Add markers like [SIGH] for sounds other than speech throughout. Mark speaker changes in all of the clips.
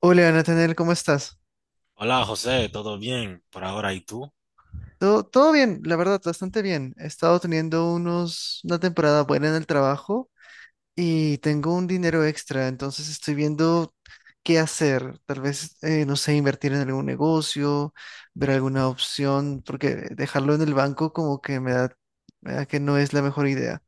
Speaker 1: Hola, Nathaniel, ¿cómo estás?
Speaker 2: Hola José, ¿todo bien por ahora? ¿Y tú?
Speaker 1: Todo bien, la verdad, bastante bien. He estado teniendo una temporada buena en el trabajo y tengo un dinero extra, entonces estoy viendo qué hacer. Tal vez, no sé, invertir en algún negocio, ver alguna opción, porque dejarlo en el banco como que me da que no es la mejor idea.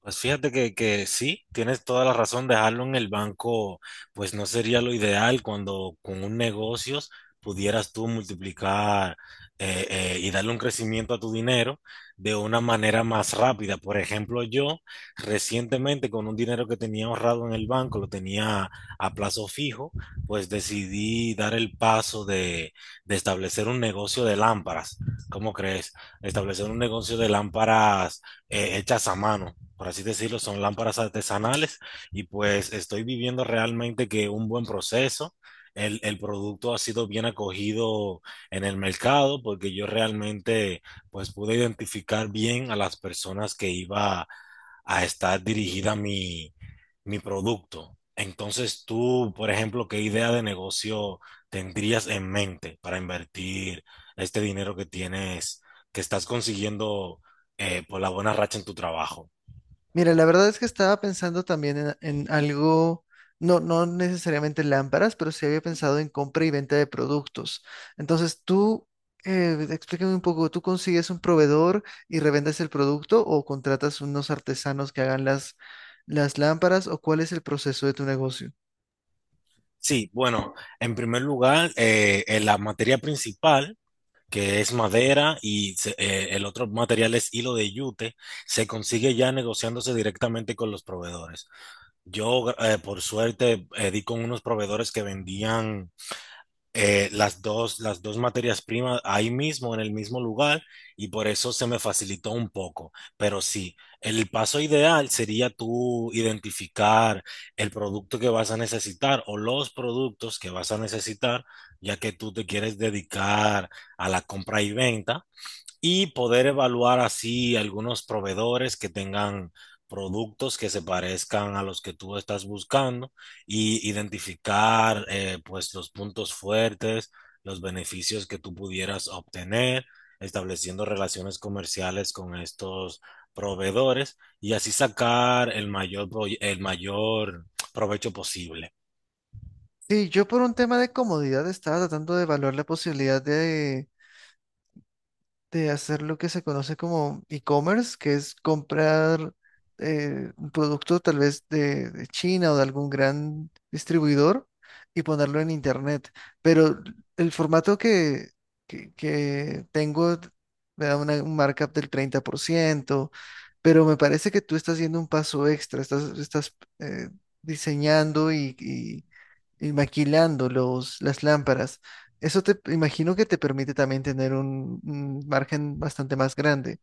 Speaker 2: Pues fíjate que sí, tienes toda la razón, dejarlo en el banco, pues no sería lo ideal cuando con un negocio pudieras tú multiplicar, y darle un crecimiento a tu dinero de una manera más rápida. Por ejemplo, yo recientemente con un dinero que tenía ahorrado en el banco, lo tenía a plazo fijo, pues decidí dar el paso de establecer un negocio de lámparas. ¿Cómo crees? Establecer un negocio de lámparas hechas a mano, por así decirlo, son lámparas artesanales y pues estoy viviendo realmente que un buen proceso. El producto ha sido bien acogido en el mercado porque yo realmente pues pude identificar bien a las personas que iba a estar dirigida mi producto. Entonces tú, por ejemplo, ¿qué idea de negocio tendrías en mente para invertir este dinero que tienes, que estás consiguiendo? Por la buena racha en tu trabajo.
Speaker 1: Mira, la verdad es que estaba pensando también en algo, no, no necesariamente lámparas, pero sí había pensado en compra y venta de productos. Entonces, tú, explícame un poco, ¿tú consigues un proveedor y revendes el producto o contratas unos artesanos que hagan las lámparas o cuál es el proceso de tu negocio?
Speaker 2: Sí, bueno, en primer lugar, la materia principal, que es madera, y el otro material es hilo de yute, se consigue ya negociándose directamente con los proveedores. Yo, por suerte, di con unos proveedores que vendían, las dos materias primas ahí mismo, en el mismo lugar, y por eso se me facilitó un poco. Pero sí, el paso ideal sería tú identificar el producto que vas a necesitar o los productos que vas a necesitar, ya que tú te quieres dedicar a la compra y venta y poder evaluar así algunos proveedores que tengan productos que se parezcan a los que tú estás buscando y identificar, pues los puntos fuertes, los beneficios que tú pudieras obtener, estableciendo relaciones comerciales con estos proveedores y así sacar el mayor, el mayor provecho posible.
Speaker 1: Sí, yo por un tema de comodidad estaba tratando de evaluar la posibilidad de hacer lo que se conoce como e-commerce, que es comprar un producto tal vez de China o de algún gran distribuidor y ponerlo en internet. Pero el formato que tengo me da un markup del 30%, pero me parece que tú estás haciendo un paso extra, estás eh, diseñando y maquilando las lámparas. Eso te imagino que te permite también tener un margen bastante más grande.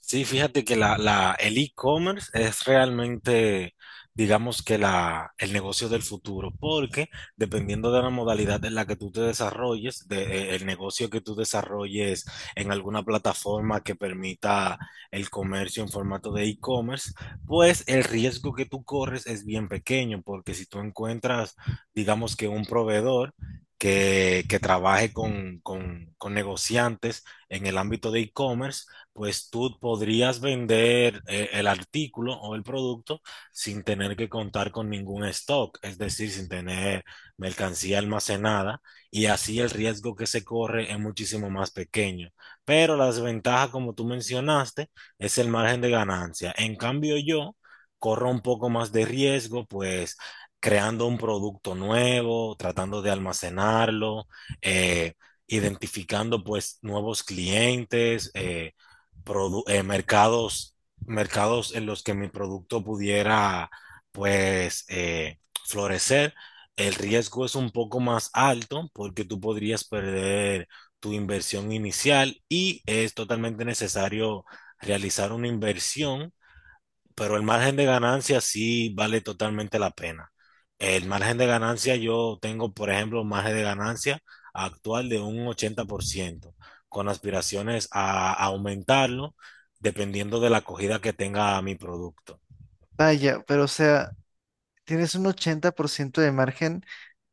Speaker 2: Sí, fíjate que el e-commerce es realmente, digamos que el negocio del futuro, porque dependiendo de la modalidad en la que tú te desarrolles, de, el negocio que tú desarrolles en alguna plataforma que permita el comercio en formato de e-commerce, pues el riesgo que tú corres es bien pequeño, porque si tú encuentras, digamos que un proveedor que trabaje con, con negociantes en el ámbito de e-commerce, pues tú podrías vender, el artículo o el producto sin tener que contar con ningún stock, es decir, sin tener mercancía almacenada y así el riesgo que se corre es muchísimo más pequeño. Pero la desventaja, como tú mencionaste, es el margen de ganancia. En cambio, yo corro un poco más de riesgo, pues creando un producto nuevo, tratando de almacenarlo, eh, identificando pues nuevos clientes, mercados, mercados en los que mi producto pudiera pues, florecer, el riesgo es un poco más alto porque tú podrías perder tu inversión inicial y es totalmente necesario realizar una inversión, pero el margen de ganancia sí vale totalmente la pena. El margen de ganancia, yo tengo, por ejemplo, un margen de ganancia actual de un 80%, con aspiraciones a aumentarlo dependiendo de la acogida que tenga mi producto.
Speaker 1: Vaya, pero o sea, tienes un 80% de margen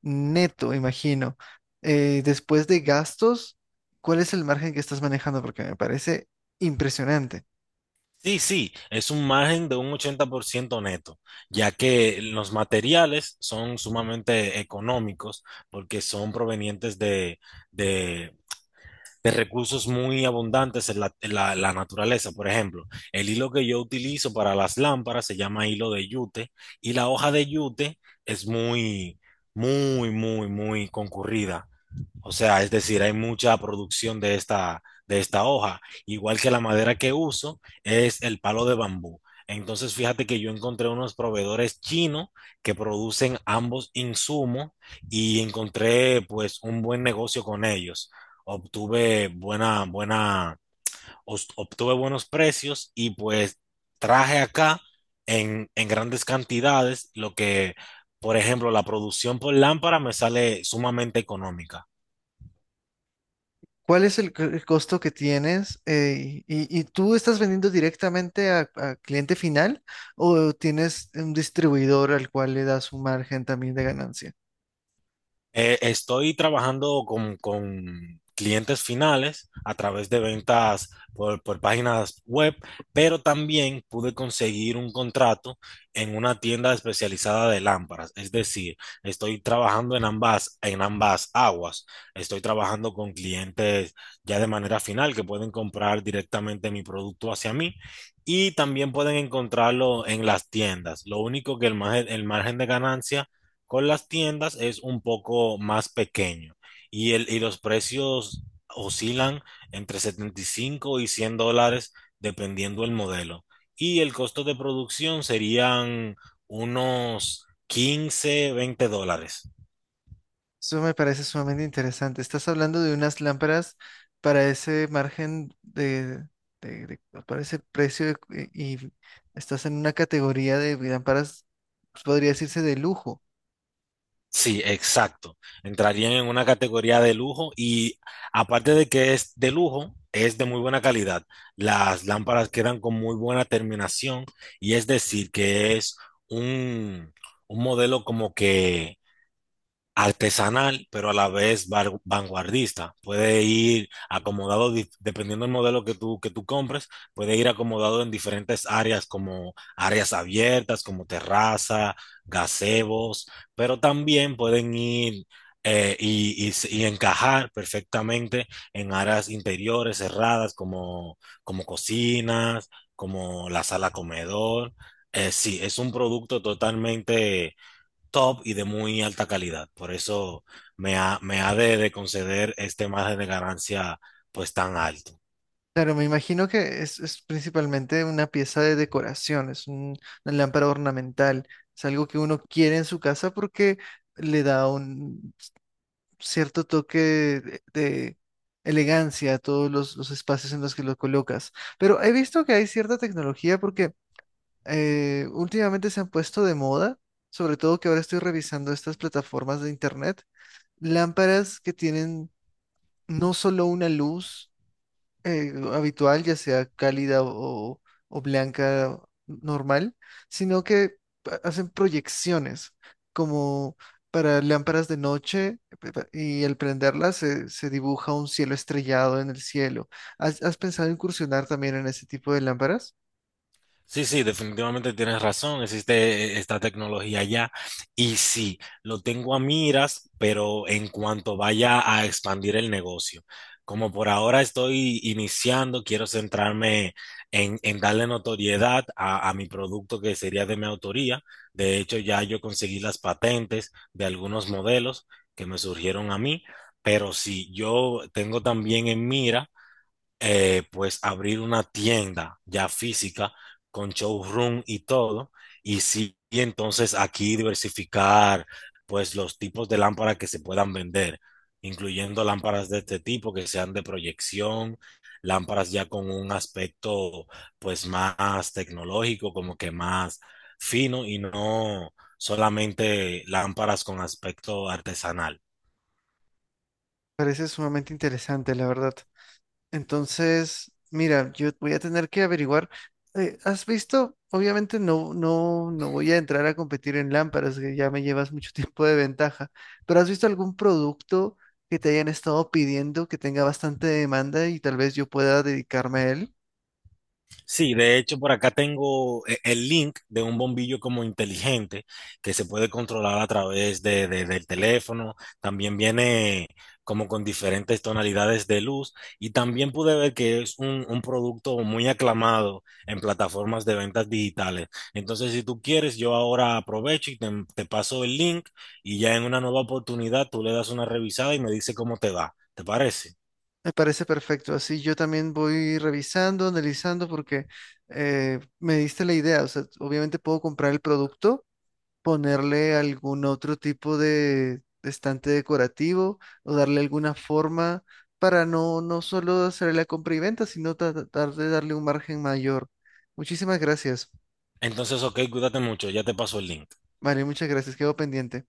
Speaker 1: neto, imagino. Después de gastos, ¿cuál es el margen que estás manejando? Porque me parece impresionante.
Speaker 2: Sí, sí, es un margen de un 80% neto, ya que los materiales son sumamente económicos porque son provenientes de de recursos muy abundantes en la naturaleza. Por ejemplo, el hilo que yo utilizo para las lámparas se llama hilo de yute y la hoja de yute es muy, muy concurrida, o sea, es decir, hay mucha producción de de esta hoja. Igual que la madera que uso es el palo de bambú. Entonces, fíjate que yo encontré unos proveedores chinos que producen ambos insumos y encontré pues un buen negocio con ellos. Obtuve obtuve buenos precios y pues traje acá en grandes cantidades lo que, por ejemplo, la producción por lámpara me sale sumamente económica.
Speaker 1: ¿Cuál es el costo que tienes? Y tú estás vendiendo directamente a cliente final o tienes un distribuidor al cual le das un margen también de ganancia?
Speaker 2: Estoy trabajando con clientes finales a través de ventas por páginas web, pero también pude conseguir un contrato en una tienda especializada de lámparas. Es decir, estoy trabajando en ambas aguas. Estoy trabajando con clientes ya de manera final que pueden comprar directamente mi producto hacia mí y también pueden encontrarlo en las tiendas. Lo único que el margen de ganancia con las tiendas es un poco más pequeño y, y los precios oscilan entre 75 y $100 dependiendo el modelo. Y el costo de producción serían unos 15, $20.
Speaker 1: Eso me parece sumamente interesante. Estás hablando de unas lámparas para ese margen pues, para ese y estás en una categoría de lámparas, pues, podría decirse de lujo.
Speaker 2: Sí, exacto. Entrarían en una categoría de lujo y aparte de que es de lujo, es de muy buena calidad. Las lámparas quedan con muy buena terminación y es decir que es un, un modelo como que artesanal, pero a la vez vanguardista. Puede ir acomodado, dependiendo del modelo que tú compres, puede ir acomodado en diferentes áreas como áreas abiertas, como terraza, gazebos, pero también pueden ir, y encajar perfectamente en áreas interiores cerradas como, como cocinas, como la sala comedor. Sí, es un producto totalmente top y de muy alta calidad. Por eso me ha de conceder este margen de ganancia pues tan alto.
Speaker 1: Claro, me imagino que es principalmente una pieza de decoración, es una lámpara ornamental, es algo que uno quiere en su casa porque le da cierto toque de elegancia a todos los espacios en los que lo colocas. Pero he visto que hay cierta tecnología porque últimamente se han puesto de moda, sobre todo que ahora estoy revisando estas plataformas de internet, lámparas que tienen no solo una luz, habitual, ya sea cálida o blanca normal, sino que hacen proyecciones como para lámparas de noche y al prenderlas se dibuja un cielo estrellado en el cielo. ¿Has pensado incursionar también en ese tipo de lámparas?
Speaker 2: Sí, sí, definitivamente tienes razón. Existe, esta tecnología ya. Y sí, lo tengo a miras, pero en cuanto vaya a expandir el negocio. Como por ahora estoy iniciando, quiero centrarme en darle notoriedad a mi producto que sería de mi autoría. De hecho, ya yo conseguí las patentes de algunos modelos que me surgieron a mí, pero sí, yo tengo también en mira, pues abrir una tienda ya física con showroom y todo, y sí, y entonces aquí diversificar pues los tipos de lámparas que se puedan vender, incluyendo lámparas de este tipo que sean de proyección, lámparas ya con un aspecto pues más tecnológico, como que más fino y no solamente lámparas con aspecto artesanal.
Speaker 1: Parece sumamente interesante, la verdad. Entonces, mira, yo voy a tener que averiguar. ¿Has visto? Obviamente no voy a entrar a competir en lámparas, que ya me llevas mucho [LAUGHS] tiempo de ventaja, pero ¿has visto algún producto que te hayan estado pidiendo que tenga bastante demanda y tal vez yo pueda dedicarme a él?
Speaker 2: Sí, de hecho por acá tengo el link de un bombillo como inteligente que se puede controlar a través de, del teléfono. También viene como con diferentes tonalidades de luz y también pude ver que es un producto muy aclamado en plataformas de ventas digitales. Entonces, si tú quieres, yo ahora aprovecho te paso el link y ya en una nueva oportunidad tú le das una revisada y me dice cómo te va. ¿Te parece?
Speaker 1: Me parece perfecto. Así yo también voy revisando, analizando, porque me diste la idea. O sea, obviamente puedo comprar el producto ponerle algún otro tipo de estante decorativo o darle alguna forma para no, no solo hacer la compra y venta, sino tratar de darle un margen mayor. Muchísimas gracias.
Speaker 2: Entonces, ok, cuídate mucho, ya te paso el link.
Speaker 1: Vale, muchas gracias. Quedo pendiente.